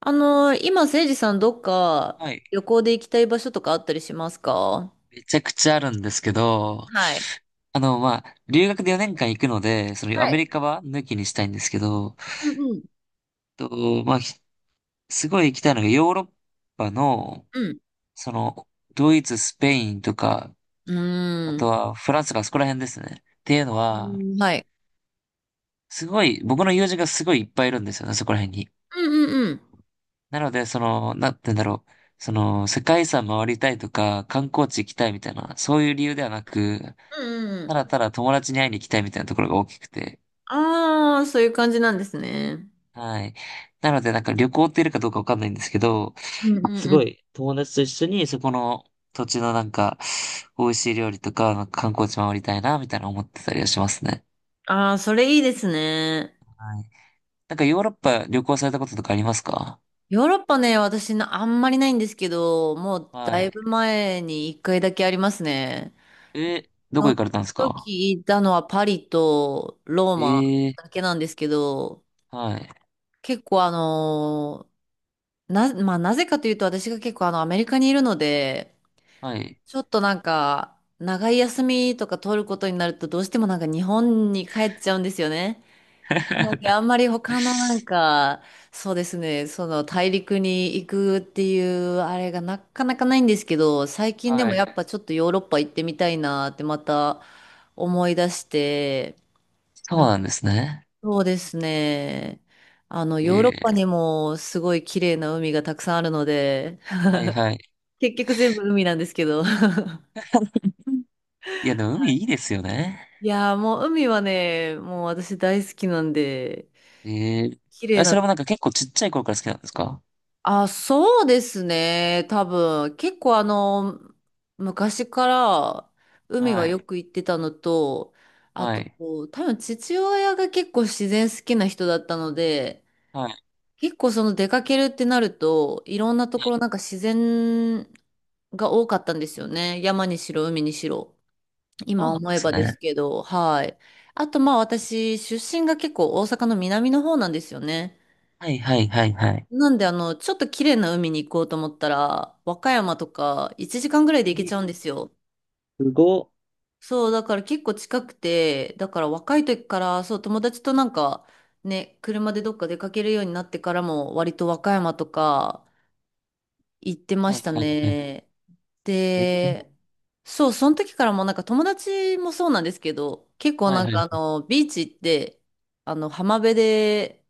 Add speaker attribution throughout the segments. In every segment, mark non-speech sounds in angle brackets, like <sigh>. Speaker 1: 今、せいじさん、どっか
Speaker 2: はい。
Speaker 1: 旅行で行きたい場所とかあったりしますか？
Speaker 2: めちゃくちゃあるんですけど、
Speaker 1: はい。
Speaker 2: 留学で4年間行くので、そのア
Speaker 1: はい。
Speaker 2: メリカは抜きにしたいんですけど、
Speaker 1: うんうん
Speaker 2: と、まあ、ひすごい行きたいのがヨーロッパの、
Speaker 1: うん。
Speaker 2: その、ドイツ、スペインとか、
Speaker 1: う
Speaker 2: あ
Speaker 1: ん。
Speaker 2: と
Speaker 1: う
Speaker 2: はフランスとかそこら辺ですね。っていうのは、
Speaker 1: ーん。はい。
Speaker 2: すごい、僕の友人がすごいいっぱいいるんですよね、そこら辺に。
Speaker 1: うんうんうん。
Speaker 2: なので、なんて言うんだろう。その、世界遺産回りたいとか、観光地行きたいみたいな、そういう理由ではなく、
Speaker 1: うんうんう
Speaker 2: た
Speaker 1: ん。
Speaker 2: だただ友達に会いに行きたいみたいなところが大きくて、
Speaker 1: ああ、そういう感じなんですね。
Speaker 2: はい。なので、なんか旅行っているかどうかわかんないんですけど、
Speaker 1: うんうん
Speaker 2: す
Speaker 1: う
Speaker 2: ご
Speaker 1: ん。
Speaker 2: い友達と一緒にそこの土地のなんか、美味しい料理とか、なんか観光地回りたいな、みたいな思ってたりはしますね。
Speaker 1: ああ、それいいですね。
Speaker 2: はい。なんかヨーロッパ旅行されたこととかありますか？
Speaker 1: ヨーロッパね、私な、あんまりないんですけど、もう
Speaker 2: は
Speaker 1: だい
Speaker 2: い。
Speaker 1: ぶ前に一回だけありますね。
Speaker 2: え、ど
Speaker 1: そ
Speaker 2: こ行
Speaker 1: の
Speaker 2: かれたんですか？
Speaker 1: 時行ったのはパリとローマ
Speaker 2: え
Speaker 1: だ
Speaker 2: え
Speaker 1: けなんですけど、
Speaker 2: ー、はい。
Speaker 1: 結構あのーな、まあ、なぜかというと、私が結構アメリカにいるので、
Speaker 2: はい。
Speaker 1: ちょっとなんか、長い休みとか取ることになると、どうしてもなんか日本に帰っちゃうんですよね。なので、あ
Speaker 2: <laughs>
Speaker 1: んまり他のなんか、そうですね、その大陸に行くっていうあれがなかなかないんですけど、最近で
Speaker 2: は
Speaker 1: もや
Speaker 2: い。
Speaker 1: っぱちょっとヨーロッパ行ってみたいなってまた思い出して、
Speaker 2: そう
Speaker 1: な
Speaker 2: なんですね。
Speaker 1: そうですね。あの、ヨーロッ
Speaker 2: え
Speaker 1: パに
Speaker 2: え
Speaker 1: もすごい綺麗な海がたくさんあるので、
Speaker 2: ー、はいはい。
Speaker 1: 結局全部海なんですけど。<laughs> は
Speaker 2: いや、でも海いいで
Speaker 1: い。
Speaker 2: すよね。
Speaker 1: いやー、もう海はね、もう私大好きなんで、
Speaker 2: ええー、
Speaker 1: 綺麗
Speaker 2: あ、そ
Speaker 1: な。
Speaker 2: れもなんか結構ちっちゃい頃から好きなんですか？
Speaker 1: あ、そうですね。多分、結構昔から海は
Speaker 2: は
Speaker 1: よ
Speaker 2: い。
Speaker 1: く行ってたのと、あ
Speaker 2: は
Speaker 1: と
Speaker 2: い。
Speaker 1: こう、多分父親が結構自然好きな人だったので、
Speaker 2: はい。
Speaker 1: 結構出かけるってなると、いろんなところなんか自然が多かったんですよね。山にしろ、海にしろ。
Speaker 2: そ
Speaker 1: 今
Speaker 2: うなん
Speaker 1: 思
Speaker 2: で
Speaker 1: え
Speaker 2: す
Speaker 1: ばです
Speaker 2: ね。
Speaker 1: けど、はい。あと、まあ私、出身が結構大阪の南の方なんですよね。
Speaker 2: はい、はい、はい、はい。
Speaker 1: なんで、ちょっと綺麗な海に行こうと思ったら、和歌山とか1時間ぐらいで行けち
Speaker 2: え、
Speaker 1: ゃうんですよ。
Speaker 2: すごっ。
Speaker 1: そう、だから結構近くて、だから若い時から、そう、友達となんか、ね、車でどっか出かけるようになってからも、割と和歌山とか、行ってま
Speaker 2: は
Speaker 1: し
Speaker 2: い、
Speaker 1: た
Speaker 2: はい、はい。
Speaker 1: ね。
Speaker 2: え、
Speaker 1: で、そう、その時からもうなんか友達もそうなんですけど、結構
Speaker 2: はい、
Speaker 1: なん
Speaker 2: は
Speaker 1: か
Speaker 2: い。
Speaker 1: ビーチ行って、浜辺で、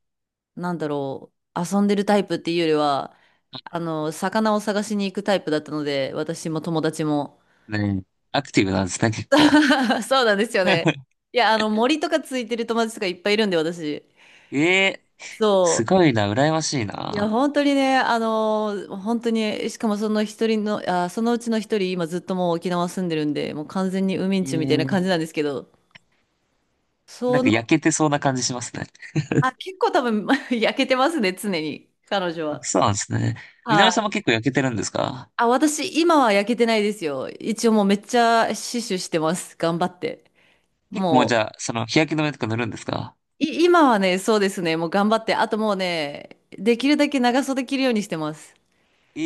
Speaker 1: なんだろう、遊んでるタイプっていうよりは、魚を探しに行くタイプだったので、私も友達も。
Speaker 2: ねえ、アクティブなんですね、結構。
Speaker 1: <laughs> そうなんですよね。
Speaker 2: <laughs>
Speaker 1: いや、森とかついてる友達とかいっぱいいるんで、私。
Speaker 2: えー、
Speaker 1: そ
Speaker 2: す
Speaker 1: う。
Speaker 2: ごいな、羨ましい
Speaker 1: いや、
Speaker 2: な。
Speaker 1: 本当にね、本当に、しかもその一人の、そのうちの一人、今ずっともう沖縄住んでるんで、もう完全にウミン
Speaker 2: え
Speaker 1: チュみたいな
Speaker 2: ー、
Speaker 1: 感じなんですけど、
Speaker 2: な
Speaker 1: そ
Speaker 2: んか
Speaker 1: の、
Speaker 2: 焼けてそうな感じしますね。<laughs>
Speaker 1: 結構多分 <laughs> 焼けてますね、常に、彼女
Speaker 2: あ、
Speaker 1: は。
Speaker 2: そうなんですね。みの
Speaker 1: は
Speaker 2: りさん
Speaker 1: い。
Speaker 2: も結構焼けてるんですか？
Speaker 1: あ、私、今は焼けてないですよ。一応もうめっちゃ死守してます、頑張って。
Speaker 2: 結構もう
Speaker 1: も
Speaker 2: じ
Speaker 1: う、
Speaker 2: ゃあ、その日焼け止めとか塗るんですか？
Speaker 1: 今はね、そうですね、もう頑張って、あともうね、できるだけ長袖着るようにしてます。
Speaker 2: え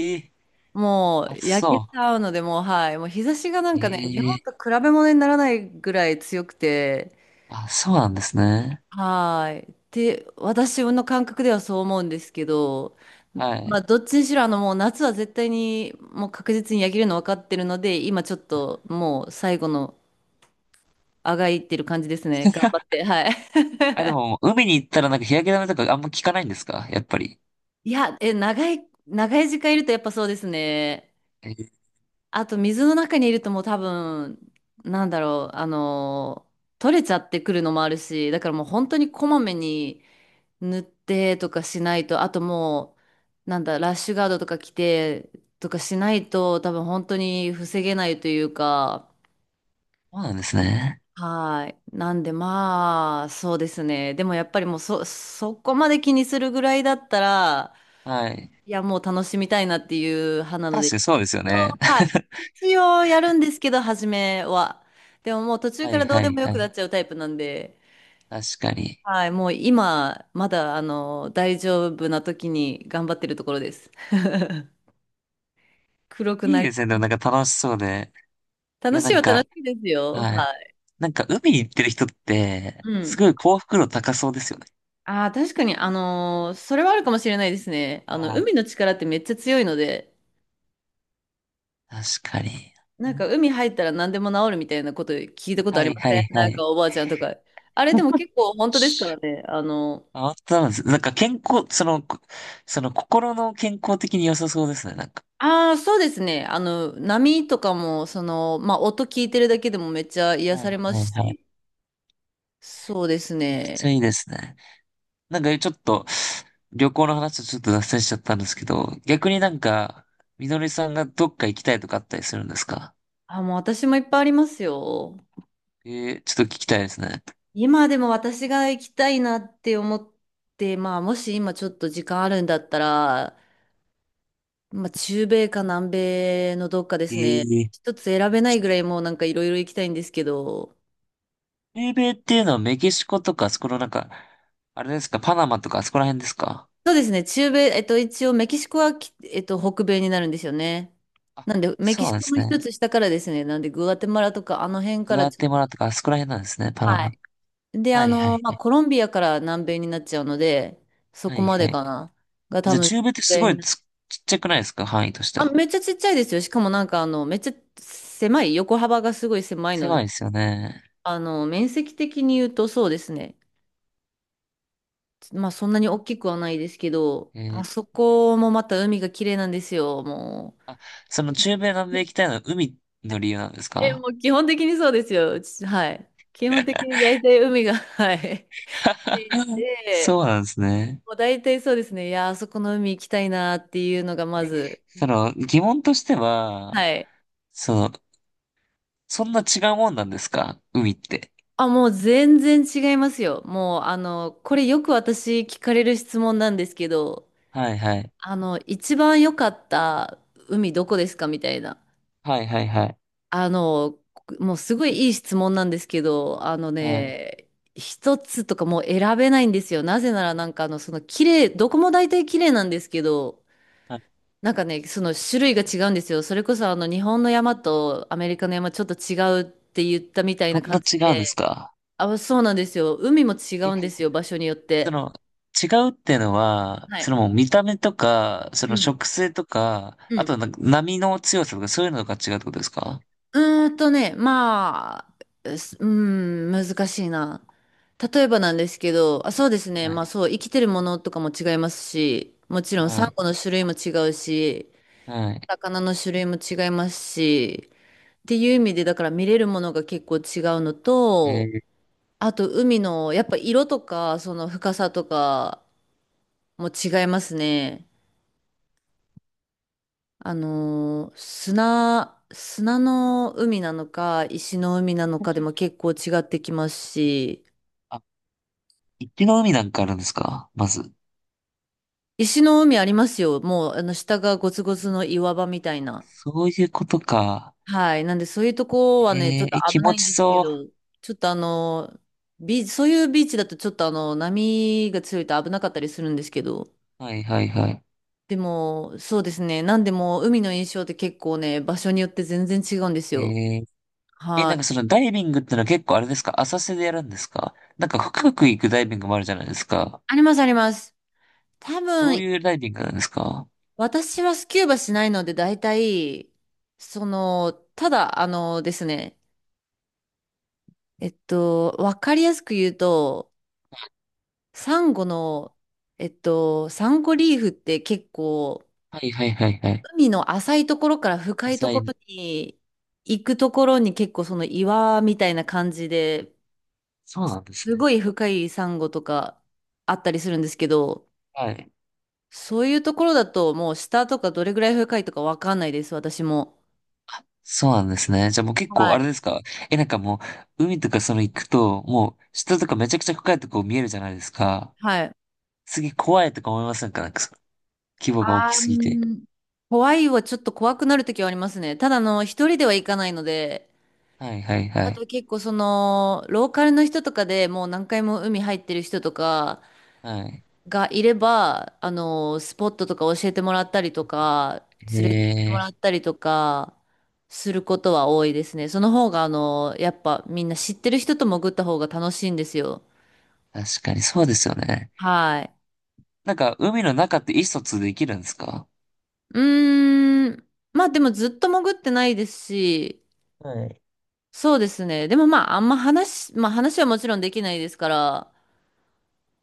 Speaker 1: も
Speaker 2: ー、暑
Speaker 1: う焼けち
Speaker 2: そ
Speaker 1: ゃうので、もうはい。もう日差しがなん
Speaker 2: う。
Speaker 1: かね、日
Speaker 2: えー、
Speaker 1: 本と比べ物にならないぐらい強くて、
Speaker 2: あ、そうなんですね。
Speaker 1: はい。って私の感覚ではそう思うんですけど、
Speaker 2: は
Speaker 1: まあ
Speaker 2: い。
Speaker 1: どっちにしろもう夏は絶対にもう確実に焼けるの分かってるので、今ちょっともう最後のあがいってる感じですね。頑張っ
Speaker 2: <laughs>
Speaker 1: て。はい。<laughs>
Speaker 2: あ、でも、海に行ったらなんか日焼け止めとかあんま効かないんですか、やっぱり。
Speaker 1: いや、長い、長い時間いるとやっぱそうですね。
Speaker 2: えー、
Speaker 1: あと水の中にいるともう多分、なんだろう、取れちゃってくるのもあるし、だからもう本当にこまめに塗ってとかしないと、あともう、なんだ、ラッシュガードとか着てとかしないと多分本当に防げないというか、
Speaker 2: そうなんですね。
Speaker 1: はい。なんでまあ、そうですね。でもやっぱりもうそこまで気にするぐらいだったら、
Speaker 2: はい。
Speaker 1: いやもう楽しみたいなっていう派なの
Speaker 2: 確かに
Speaker 1: で、
Speaker 2: そうですよね。
Speaker 1: はい。
Speaker 2: <laughs>
Speaker 1: 一応やるんですけど、初めは。でももう途中
Speaker 2: は
Speaker 1: か
Speaker 2: い
Speaker 1: らどう
Speaker 2: は
Speaker 1: で
Speaker 2: い
Speaker 1: もよ
Speaker 2: は
Speaker 1: くなっ
Speaker 2: い。
Speaker 1: ちゃうタイプなんで、
Speaker 2: 確かに。
Speaker 1: はい、もう今、まだ、大丈夫な時に頑張ってるところです。<laughs> 黒く
Speaker 2: い
Speaker 1: な
Speaker 2: い
Speaker 1: り、
Speaker 2: ですね。でもなんか楽しそうで。い
Speaker 1: 楽
Speaker 2: や
Speaker 1: し
Speaker 2: な
Speaker 1: い
Speaker 2: ん
Speaker 1: は
Speaker 2: か、
Speaker 1: 楽しいですよ。
Speaker 2: はい。
Speaker 1: はい。
Speaker 2: なんか海行ってる人って、
Speaker 1: う
Speaker 2: す
Speaker 1: ん。
Speaker 2: ごい幸福度高そうですよね。
Speaker 1: ああ、確かに、それはあるかもしれないですね。
Speaker 2: はい。
Speaker 1: 海の力ってめっちゃ強いので、
Speaker 2: 確かに。
Speaker 1: なんか海入ったら何でも治るみたいなこと聞いたこと
Speaker 2: は
Speaker 1: ありま
Speaker 2: いは
Speaker 1: せ
Speaker 2: い
Speaker 1: ん
Speaker 2: は
Speaker 1: なん
Speaker 2: い。
Speaker 1: かおばあちゃんとか。あれでも結構本当ですからね。
Speaker 2: あ、本当なんです。なんか健康、その心の健康的に良さそうですね。なんか。
Speaker 1: ああ、そうですね。波とかも、まあ、音聞いてるだけでもめっちゃ癒
Speaker 2: は
Speaker 1: さ
Speaker 2: い
Speaker 1: れま
Speaker 2: はい
Speaker 1: す
Speaker 2: はい。
Speaker 1: し。そうです
Speaker 2: めちゃくちゃ
Speaker 1: ね。
Speaker 2: いいですね。なんかちょっと、旅行の話とちょっと脱線しちゃったんですけど、逆になんか、みのりさんがどっか行きたいとかあったりするんですか？
Speaker 1: あ、もう私もいっぱいありますよ。
Speaker 2: えー、ちょっと聞きたいですね。
Speaker 1: 今でも私が行きたいなって思って、まあ、もし今ちょっと時間あるんだったら、まあ、中米か南米のどっかで
Speaker 2: え
Speaker 1: すね。
Speaker 2: ー、
Speaker 1: 一つ選べないぐらいもうなんかいろいろ行きたいんですけど、
Speaker 2: 米米っていうのはメキシコとか、あそこのなんか、あれですか、パナマとかあそこら辺ですか？
Speaker 1: そうですね。中米、一応メキシコは北米になるんですよね。
Speaker 2: あ、
Speaker 1: なんで、メキ
Speaker 2: そうな
Speaker 1: シ
Speaker 2: んで
Speaker 1: コの
Speaker 2: すね。
Speaker 1: 一つ下からですね。なんで、グアテマラとか、あの辺か
Speaker 2: グ
Speaker 1: ら
Speaker 2: ア
Speaker 1: ちょっ
Speaker 2: テマラ
Speaker 1: と、
Speaker 2: とかあそこら辺なんですね、パナ
Speaker 1: は
Speaker 2: マ。
Speaker 1: い。で、
Speaker 2: はいはい。
Speaker 1: まあ、コロンビアから南米になっちゃうので、そ
Speaker 2: は
Speaker 1: こ
Speaker 2: い
Speaker 1: ま
Speaker 2: は
Speaker 1: で
Speaker 2: い。
Speaker 1: かな。が多
Speaker 2: じゃあ
Speaker 1: 分、
Speaker 2: 中米ってすご
Speaker 1: 南
Speaker 2: い
Speaker 1: 米に
Speaker 2: ちっちゃくないですか、範囲として
Speaker 1: あ、
Speaker 2: は。
Speaker 1: めっちゃちっちゃいですよ。しかもなんか、めっちゃ狭い、横幅がすごい狭いので、
Speaker 2: 狭いですよね。
Speaker 1: 面積的に言うとそうですね。まあ、そんなに大きくはないですけど、
Speaker 2: えー、
Speaker 1: あそこもまた海が綺麗なんですよ、もう。
Speaker 2: その中米南米行きたいのは海の理由なんです
Speaker 1: え、
Speaker 2: か？
Speaker 1: もう基本的にそうですよ。うちはい。基本的
Speaker 2: <laughs>
Speaker 1: に大体海が、<laughs> はい。つい
Speaker 2: <laughs>
Speaker 1: て、
Speaker 2: そうなんですね。
Speaker 1: もう大体そうですね。いや、あそこの海行きたいなっていうのがま
Speaker 2: え、
Speaker 1: ず、
Speaker 2: その、疑問としては、
Speaker 1: はい。
Speaker 2: その、そんな違うもんなんですか、海って。
Speaker 1: あ、もう全然違いますよ。もう、これよく私聞かれる質問なんですけど、
Speaker 2: はいはい。
Speaker 1: 一番良かった海どこですかみたいな。
Speaker 2: はいはいはい。
Speaker 1: あの、もうすごいいい質問なんですけど、
Speaker 2: はい。
Speaker 1: 一つとかもう選べないんですよ。なぜならなんか綺麗、どこも大体綺麗なんですけど、
Speaker 2: はい。
Speaker 1: なんかね、その種類が違うんですよ。それこそ日本の山とアメリカの山ちょっと違うって言ったみたい
Speaker 2: そ
Speaker 1: な
Speaker 2: んな
Speaker 1: 感じ
Speaker 2: 違うんです
Speaker 1: で、
Speaker 2: か？
Speaker 1: あ、そうなんですよ。海も違
Speaker 2: え、
Speaker 1: うんですよ、場所によっ
Speaker 2: そ
Speaker 1: て。
Speaker 2: の、違うっていうのは、
Speaker 1: は
Speaker 2: そ
Speaker 1: い。
Speaker 2: のもう見た目とか、そ
Speaker 1: う
Speaker 2: の
Speaker 1: ん。
Speaker 2: 植生とか、
Speaker 1: う
Speaker 2: あ
Speaker 1: ん
Speaker 2: となんか波の強さとかそういうのが違うってことですか？
Speaker 1: うーんとね、まあ、うすうーん、難しいな。例えばなんですけど、あ、そうですね、
Speaker 2: は
Speaker 1: まあ
Speaker 2: い。
Speaker 1: そう、生きてるものとかも違いますし、もちろんサ
Speaker 2: は
Speaker 1: ン
Speaker 2: い。
Speaker 1: ゴの種類も違うし、
Speaker 2: はい。
Speaker 1: 魚の種類も違いますし、っていう意味で、だから見れるものが結構違うの
Speaker 2: え
Speaker 1: と、
Speaker 2: ー、
Speaker 1: あと海の、やっぱ色とか、その深さとかも違いますね。砂の海なのか、石の海なのかでも結構違ってきますし、
Speaker 2: あ、一気の海なんかあるんですか、まず。
Speaker 1: 石の海ありますよ。もう、下がゴツゴツの岩場みたいな。
Speaker 2: そういうことか。
Speaker 1: はい。なんで、そういうとこはね、ちょ
Speaker 2: え
Speaker 1: っと
Speaker 2: ー、え気
Speaker 1: 危な
Speaker 2: 持
Speaker 1: いん
Speaker 2: ち
Speaker 1: ですけ
Speaker 2: そ
Speaker 1: ど、ちょっとあのー、ビーチ、そういうビーチだとちょっと波が強いと危なかったりするんですけど、
Speaker 2: う。はいはいはい。
Speaker 1: でも、そうですね。なんでも、海の印象って結構ね、場所によって全然違うんですよ。
Speaker 2: えー、え、
Speaker 1: は
Speaker 2: なんか
Speaker 1: い。
Speaker 2: そのダイビングってのは結構あれですか、浅瀬でやるんですか、なんか深く行くダイビングもあるじゃないですか。
Speaker 1: あります、あります。多
Speaker 2: どう
Speaker 1: 分
Speaker 2: いうダイビングなんですか？
Speaker 1: 私はスキューバしないので、大体、その、ただ、あのですね、えっと、わかりやすく言うと、サンゴの、サンゴリーフって結構、
Speaker 2: はいはいはいはい。
Speaker 1: 海の浅いところから深いと
Speaker 2: 浅
Speaker 1: こ
Speaker 2: い。
Speaker 1: ろに行くところに結構その岩みたいな感じで、
Speaker 2: そうなんです
Speaker 1: す
Speaker 2: ね。
Speaker 1: ごい深いサンゴとかあったりするんですけど、
Speaker 2: はい。
Speaker 1: そういうところだともう下とかどれぐらい深いとかわかんないです、私も。
Speaker 2: そうなんですね。じゃあもう結構
Speaker 1: は
Speaker 2: あ
Speaker 1: い。
Speaker 2: れですか？え、なんかもう海とかその行くと、もう下とかめちゃくちゃ深いとこ見えるじゃないですか。
Speaker 1: はい。
Speaker 2: すげえ怖いとか思いませんか、なんかその規模が大
Speaker 1: あ
Speaker 2: きすぎて。
Speaker 1: ー、怖いはちょっと怖くなるときはありますね。ただ一人では行かないので、
Speaker 2: はいはいは
Speaker 1: あ
Speaker 2: い。
Speaker 1: と結構ローカルの人とかでもう何回も海入ってる人とか
Speaker 2: はい。
Speaker 1: がいれば、スポットとか教えてもらったりとか、
Speaker 2: へ
Speaker 1: 連れて行っても
Speaker 2: え、
Speaker 1: らったりとか、することは多いですね。その方がやっぱみんな知ってる人と潜った方が楽しいんですよ。
Speaker 2: 確かにそうですよね。
Speaker 1: はい。
Speaker 2: なんか海の中って意思疎通できるんですか？
Speaker 1: うーん。まあでもずっと潜ってないですし、
Speaker 2: はい。
Speaker 1: そうですね。でもまあ、あんま話、まあ話はもちろんできないですから、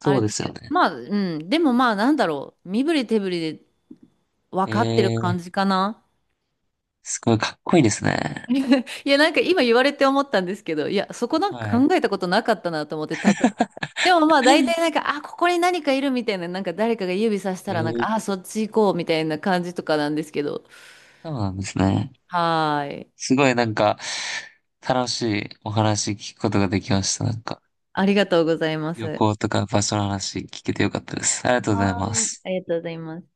Speaker 1: あれ
Speaker 2: うで
Speaker 1: です
Speaker 2: す
Speaker 1: け
Speaker 2: よ
Speaker 1: ど、
Speaker 2: ね。
Speaker 1: まあ、うん。でもまあ、なんだろう。身振り手振りで分
Speaker 2: え
Speaker 1: かってる
Speaker 2: え、
Speaker 1: 感じかな。
Speaker 2: すごいかっこいいですね。
Speaker 1: <laughs> いや、なんか今言われて思ったんですけど、いや、そこなん
Speaker 2: は
Speaker 1: か
Speaker 2: い。
Speaker 1: 考えたことなかったなと思って、でもまあ、大体なんか、あ、ここに何かいるみたいな、なんか誰かが指さした
Speaker 2: え
Speaker 1: ら、なん
Speaker 2: え、
Speaker 1: か、あ、そっち行こうみたいな感じとかなんですけど。
Speaker 2: そうなんですね。
Speaker 1: はーい。
Speaker 2: すごいなんか、楽しいお話聞くことができました。なんか、
Speaker 1: ありがとうございます。
Speaker 2: 旅
Speaker 1: は
Speaker 2: 行とか場所の話聞けてよかったです。ありがとうござい
Speaker 1: ー
Speaker 2: ま
Speaker 1: い。
Speaker 2: す。
Speaker 1: ありがとうございます。